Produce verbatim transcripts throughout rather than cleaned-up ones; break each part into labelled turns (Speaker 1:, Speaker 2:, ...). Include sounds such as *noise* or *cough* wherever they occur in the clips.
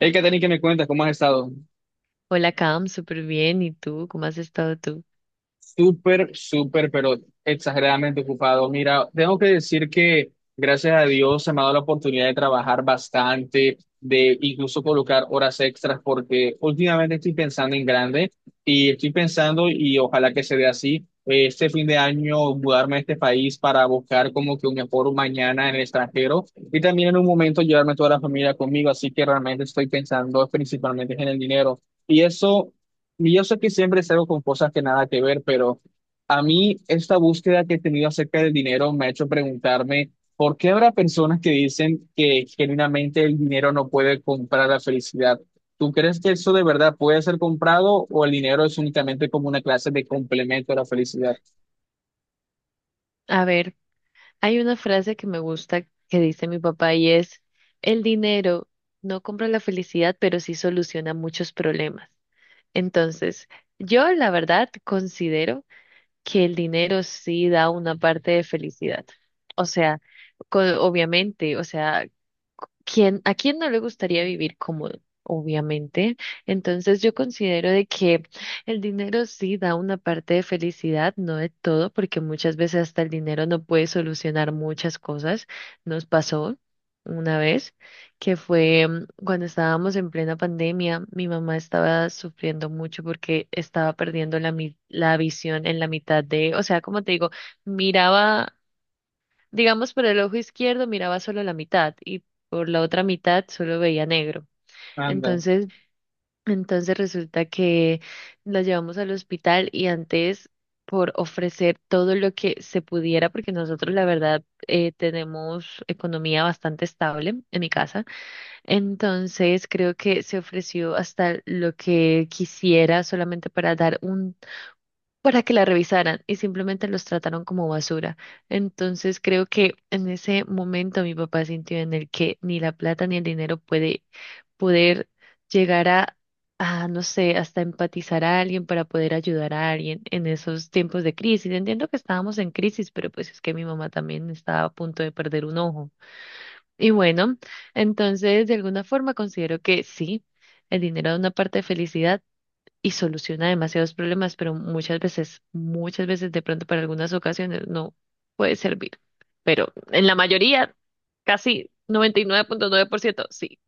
Speaker 1: Hey, Katherine, ¿que me cuentas? ¿Cómo has estado?
Speaker 2: Hola, Cam, súper bien. ¿Y tú? ¿Cómo has estado tú?
Speaker 1: Súper, súper, pero exageradamente ocupado. Mira, tengo que decir que gracias a Dios se me ha dado la oportunidad de trabajar bastante, de incluso colocar horas extras, porque últimamente estoy pensando en grande y estoy pensando, y ojalá que se dé así, eh, este fin de año mudarme a este país para buscar como que un mejor mañana en el extranjero y también en un momento llevarme toda la familia conmigo. Así que realmente estoy pensando principalmente en el dinero. Y eso. Y Yo sé que siempre salgo con cosas que nada que ver, pero a mí esta búsqueda que he tenido acerca del dinero me ha hecho preguntarme por qué habrá personas que dicen que genuinamente el dinero no puede comprar la felicidad. ¿Tú crees que eso de verdad puede ser comprado o el dinero es únicamente como una clase de complemento a la felicidad?
Speaker 2: A ver, hay una frase que me gusta que dice mi papá y es, el dinero no compra la felicidad, pero sí soluciona muchos problemas. Entonces, yo la verdad considero que el dinero sí da una parte de felicidad. O sea, co- obviamente, o sea, ¿quién, a quién no le gustaría vivir cómodo? Obviamente. Entonces yo considero de que el dinero sí da una parte de felicidad, no de todo, porque muchas veces hasta el dinero no puede solucionar muchas cosas. Nos pasó una vez que fue, mm, cuando estábamos en plena pandemia, mi mamá estaba sufriendo mucho porque estaba perdiendo la, mi- la visión en la mitad de, o sea, como te digo, miraba. Digamos, por el ojo izquierdo miraba solo la mitad y por la otra mitad solo veía negro.
Speaker 1: Anda.
Speaker 2: Entonces, entonces resulta que la llevamos al hospital y antes por ofrecer todo lo que se pudiera, porque nosotros la verdad eh, tenemos economía bastante estable en mi casa, entonces creo que se ofreció hasta lo que quisiera solamente para dar un, para que la revisaran y simplemente los trataron como basura. Entonces creo que en ese momento mi papá sintió en el que ni la plata ni el dinero puede poder llegar a, a no sé, hasta empatizar a alguien para poder ayudar a alguien en esos tiempos de crisis. Entiendo que estábamos en crisis, pero pues es que mi mamá también estaba a punto de perder un ojo. Y bueno, entonces de alguna forma considero que sí. El dinero da una parte de felicidad, y soluciona demasiados problemas, pero muchas veces, muchas veces de pronto para algunas ocasiones no puede servir. Pero en la mayoría, casi noventa y nueve nueve punto nueve por ciento sí.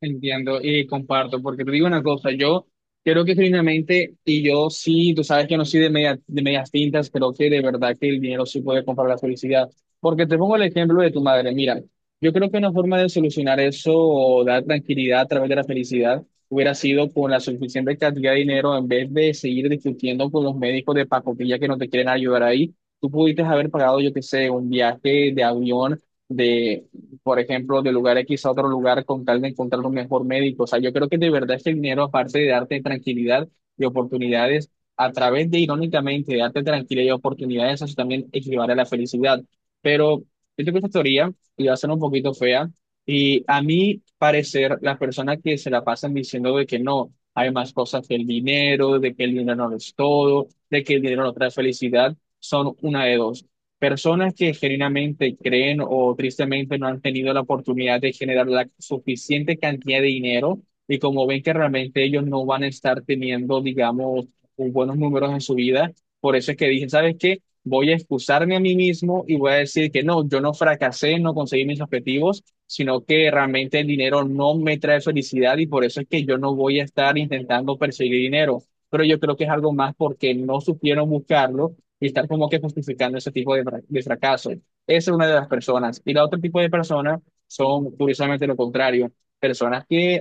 Speaker 1: Entiendo y comparto, porque te digo una cosa, yo creo que genuinamente, y yo sí, tú sabes que no soy de, media- de medias tintas, creo que de verdad que el dinero sí puede comprar la felicidad. Porque te pongo el ejemplo de tu madre, mira, yo creo que una forma de solucionar eso o dar tranquilidad a través de la felicidad hubiera sido con la suficiente cantidad de dinero en vez de seguir discutiendo con los médicos de pacotilla que no te quieren ayudar ahí. Tú pudiste haber pagado, yo qué sé, un viaje de avión. De Por ejemplo, de lugar X a otro lugar con tal de encontrar un mejor médico. O sea, yo creo que de verdad este dinero, aparte de darte tranquilidad y oportunidades, a través de, irónicamente, darte tranquilidad y oportunidades, eso también equivale a la felicidad. Pero yo tengo esta teoría y va a ser un poquito fea. Y a mi parecer, las personas que se la pasan diciendo de que no, hay más cosas que el dinero, de que el dinero no lo es todo, de que el dinero no trae felicidad, son una de dos. Personas que genuinamente creen o tristemente no han tenido la oportunidad de generar la suficiente cantidad de dinero y como ven que realmente ellos no van a estar teniendo, digamos, un- buenos números en su vida, por eso es que dije, ¿sabes qué? Voy a excusarme a mí mismo y voy a decir que no, yo no fracasé, no conseguí mis objetivos, sino que realmente el dinero no me trae felicidad y por eso es que yo no voy a estar intentando perseguir dinero. Pero yo creo que es algo más porque no supieron buscarlo y estar como que justificando ese tipo de, fra- de fracaso. Esa es una de las personas. Y la otro tipo de personas son, curiosamente, lo contrario, personas que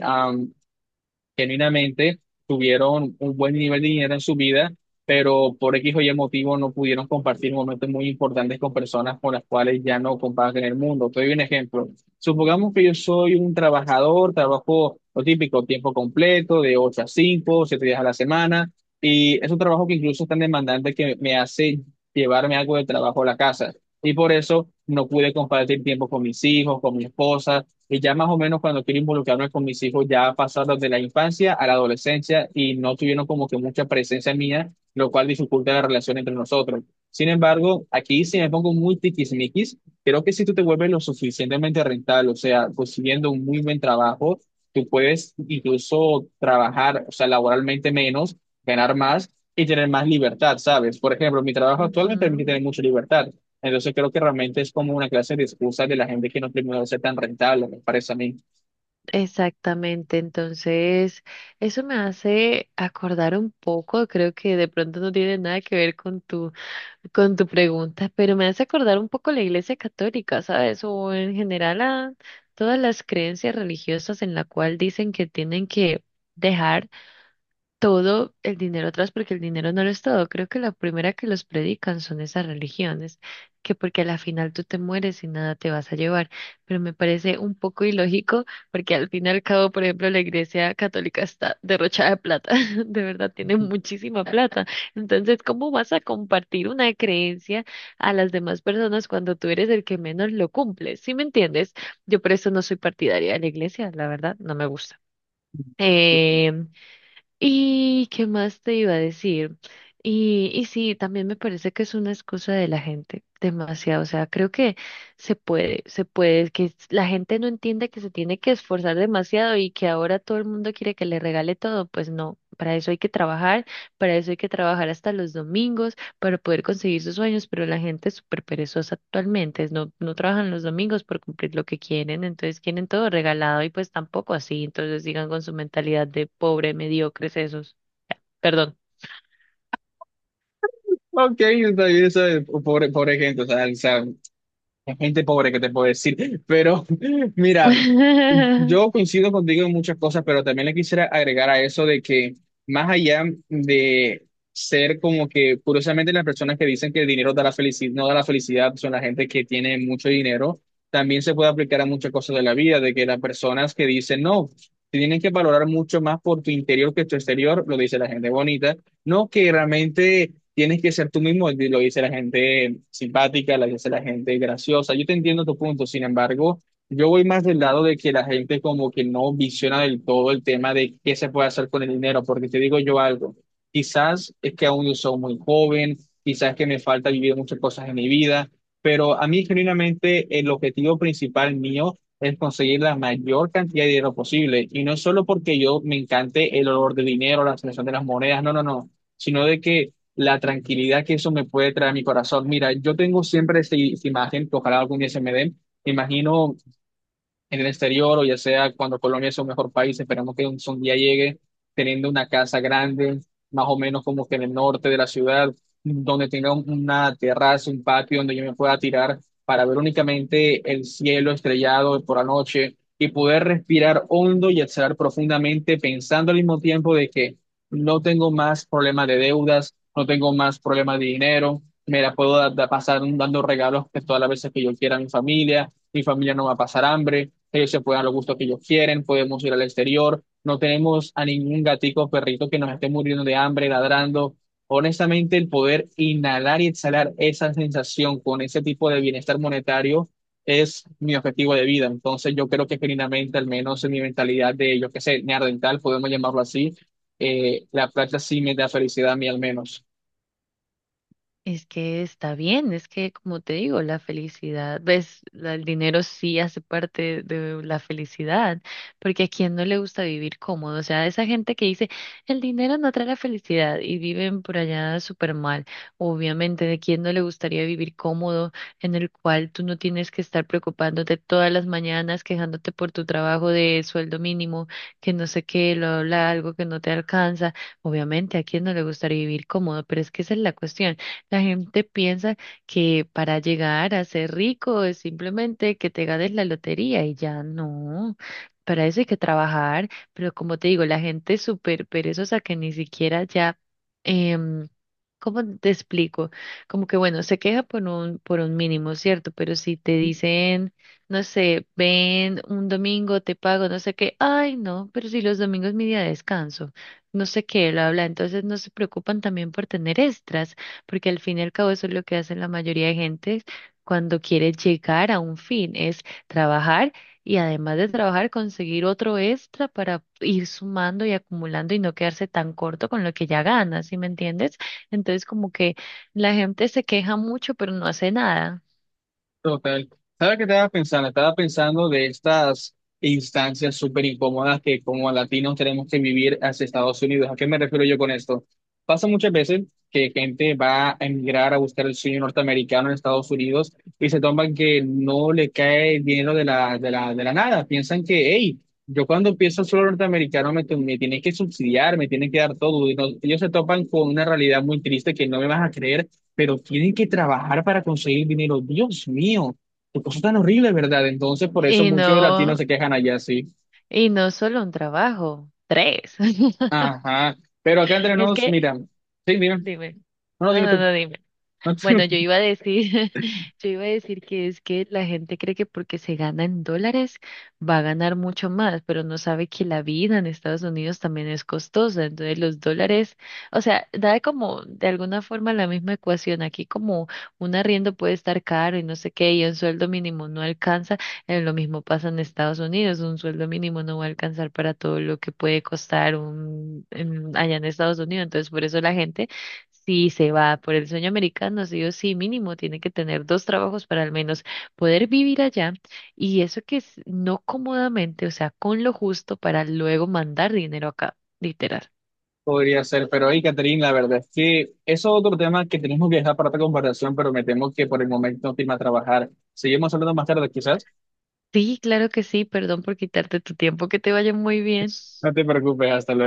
Speaker 1: genuinamente tuvieron un buen nivel de dinero en su vida, pero por X o Y motivo no pudieron compartir momentos muy importantes con personas con las cuales ya no comparten el mundo. Te doy un ejemplo. Supongamos que yo soy un trabajador, trabajo lo típico, tiempo completo, de ocho a cinco, siete días a la semana, y es un trabajo que incluso es tan demandante que me hace llevarme algo de trabajo a la casa. Y por eso no pude compartir tiempo con mis hijos, con mi esposa, y ya más o menos cuando quiero involucrarme con mis hijos, ya pasados de la infancia a la adolescencia y no tuvieron como que mucha presencia mía, lo cual dificulta la relación entre nosotros. Sin embargo, aquí si me pongo muy tiquismiquis, creo que si tú te vuelves lo suficientemente rentable, o sea, consiguiendo un muy buen trabajo, tú puedes incluso trabajar, o sea, laboralmente menos, ganar más y tener más libertad, ¿sabes? Por ejemplo, mi trabajo actual me permite
Speaker 2: Ujú.
Speaker 1: tener mucha libertad. Entonces creo que realmente es como una clase de excusa de la gente que no terminó de ser tan rentable, me parece a mí.
Speaker 2: Exactamente, entonces eso me hace acordar un poco, creo que de pronto no tiene nada que ver con tu, con tu pregunta, pero me hace acordar un poco la Iglesia Católica, ¿sabes? O en general a todas las creencias religiosas en la cual dicen que tienen que dejar todo el dinero atrás porque el dinero no lo es todo. Creo que la primera que los predican son esas religiones, que porque a la final tú te mueres y nada te vas a llevar. Pero me parece un poco ilógico porque al fin y al cabo, por ejemplo, la Iglesia Católica está derrochada de plata, *laughs* de verdad tiene muchísima plata. Entonces, ¿cómo vas a compartir una creencia a las demás personas cuando tú eres el que menos lo cumple? ¿Sí me entiendes? Yo por eso no soy partidaria de la iglesia, la verdad, no me gusta. Eh, ¿Y qué más te iba a decir? Y, y sí, también me parece que es una excusa de la gente, demasiado. O sea, creo que se puede, se puede, que s- la gente no entiende que se tiene que esforzar demasiado y que ahora todo el mundo quiere que le regale todo. Pues no, para eso hay que trabajar, para eso hay que trabajar hasta los domingos, para poder conseguir sus sueños, pero la gente es súper perezosa actualmente, no, no trabajan los domingos por cumplir lo que quieren, entonces quieren todo regalado y pues tampoco así, entonces sigan con su mentalidad de pobre, mediocres esos, perdón.
Speaker 1: Ok, está bien, ¿sabes? Por, por ejemplo, o sea, es gente pobre que te puedo decir, pero *laughs* mira,
Speaker 2: *laughs*
Speaker 1: yo coincido contigo en muchas cosas, pero también le quisiera agregar a eso de que más allá de ser como que, curiosamente, las personas que dicen que el dinero da la felicidad, no da la felicidad, son la gente que tiene mucho dinero, también se puede aplicar a muchas cosas de la vida, de que las personas que dicen no, tienen que valorar mucho más por tu interior que tu exterior, lo dice la gente bonita no, que realmente tienes que ser tú mismo, y lo dice la gente simpática, lo dice la gente graciosa. Yo te entiendo tu punto, sin embargo, yo voy más del lado de que la gente como que no visiona del todo el tema de qué se puede hacer con el dinero, porque te digo yo algo, quizás es que aún yo soy muy joven, quizás que me falta vivir muchas cosas en mi vida, pero a mí genuinamente el objetivo principal mío es conseguir la mayor cantidad de dinero posible, y no solo porque yo me encante el olor del dinero, la sensación de las monedas, no, no, no, sino de que la tranquilidad que eso me puede traer a mi corazón. Mira, yo tengo siempre esta, esta imagen, que ojalá algún día se me dé. Me imagino en el exterior o ya sea cuando Colombia es un mejor país, esperamos que un, un día llegue teniendo una casa grande, más o menos como que en el norte de la ciudad, donde tenga un- una terraza, un patio donde yo me pueda tirar para ver únicamente el cielo estrellado por la noche y poder respirar hondo y exhalar profundamente pensando al mismo tiempo de que no tengo más problemas de deudas, no tengo más problemas de dinero. Me la puedo da- da- pasar dando regalos que todas las veces que yo quiera a mi familia, mi familia no va a pasar hambre, ellos se pueden dar los gustos que ellos quieren, podemos ir al exterior, no tenemos a ningún gatico o perrito que nos esté muriendo de hambre, ladrando. Honestamente, el poder inhalar y exhalar esa sensación con ese tipo de bienestar monetario es mi objetivo de vida. Entonces, yo creo que genuinamente, al menos en mi mentalidad de, yo qué sé, neandertal, podemos llamarlo así, eh, la plata sí me da felicidad a mí al menos.
Speaker 2: Es que está bien, es que como te digo, la felicidad, ves, la- el dinero sí hace parte de la felicidad, porque a quién no le gusta vivir cómodo, o sea, esa gente que dice, el dinero no trae la felicidad y viven por allá súper mal, obviamente, ¿de quién no le gustaría vivir cómodo en el cual tú no tienes que estar preocupándote todas las mañanas, quejándote por tu trabajo de sueldo mínimo, que no sé qué, lo habla algo que no te alcanza? Obviamente, ¿a quién no le gustaría vivir cómodo? Pero es que esa es la cuestión. La gente piensa que para llegar a ser rico es simplemente que te ganes la lotería y ya no. Para eso hay que trabajar, pero como te digo, la gente es súper perezosa que ni siquiera ya, em, ¿cómo te explico? Como que bueno, se queja por un, por un, mínimo, ¿cierto? Pero si te dicen, no sé, ven un domingo, te pago, no sé qué, ay no, pero si los domingos es mi día de descanso, no sé qué, lo habla, entonces no se preocupan también por tener extras porque al fin y al cabo eso es lo que hace la mayoría de gente cuando quiere llegar a un fin, es trabajar y además de trabajar conseguir otro extra para ir sumando y acumulando y no quedarse tan corto con lo que ya gana, ¿sí me entiendes? Entonces como que la gente se queja mucho pero no hace nada
Speaker 1: Total. ¿Sabes qué estaba pensando? Estaba pensando de estas instancias súper incómodas que como latinos tenemos que vivir hacia Estados Unidos. ¿A qué me refiero yo con esto? Pasa muchas veces que gente va a emigrar a buscar el sueño norteamericano en Estados Unidos y se toman que no le cae el dinero de la, de la, de la nada. Piensan que, hey, yo cuando empiezo el solo norteamericano me, tu- me tienen que subsidiar, me tienen que dar todo. Y no- ellos se topan con una realidad muy triste que no me vas a creer pero tienen que trabajar para conseguir dinero. Dios mío, qué cosa tan horrible, ¿verdad? Entonces, por eso
Speaker 2: y
Speaker 1: muchos
Speaker 2: no
Speaker 1: latinos se quejan allá, sí.
Speaker 2: y no solo un trabajo, tres. *laughs*
Speaker 1: Ajá, pero acá entre
Speaker 2: Es
Speaker 1: nos,
Speaker 2: que
Speaker 1: mira, sí, dime, no,
Speaker 2: dime.
Speaker 1: no,
Speaker 2: No,
Speaker 1: dime
Speaker 2: no,
Speaker 1: tú.
Speaker 2: no, dime.
Speaker 1: No,
Speaker 2: Bueno, yo
Speaker 1: *laughs*
Speaker 2: iba a decir, *laughs* yo iba a decir que es que la gente cree que porque se gana en dólares va a ganar mucho más, pero no sabe que la vida en Estados Unidos también es costosa. Entonces los dólares, o sea, da como de alguna forma la misma ecuación. Aquí como un arriendo puede estar caro y no sé qué, y un sueldo mínimo no alcanza, eh, lo mismo pasa en Estados Unidos, un sueldo mínimo no va a alcanzar para todo lo que puede costar un, en- allá en Estados Unidos. Entonces por eso la gente. Sí, se va por el sueño americano, sí o sí, mínimo tiene que tener dos trabajos para al menos poder vivir allá y eso que es no cómodamente, o sea, con lo justo para luego mandar dinero acá, literal.
Speaker 1: podría ser, pero hey, Catherine, la verdad es que eso es otro tema que tenemos que dejar para otra conversación, pero me temo que por el momento no te irme a trabajar. Seguimos hablando más tarde, quizás.
Speaker 2: Sí, claro que sí, perdón por quitarte tu tiempo, que te vaya muy bien.
Speaker 1: No te preocupes, hasta luego.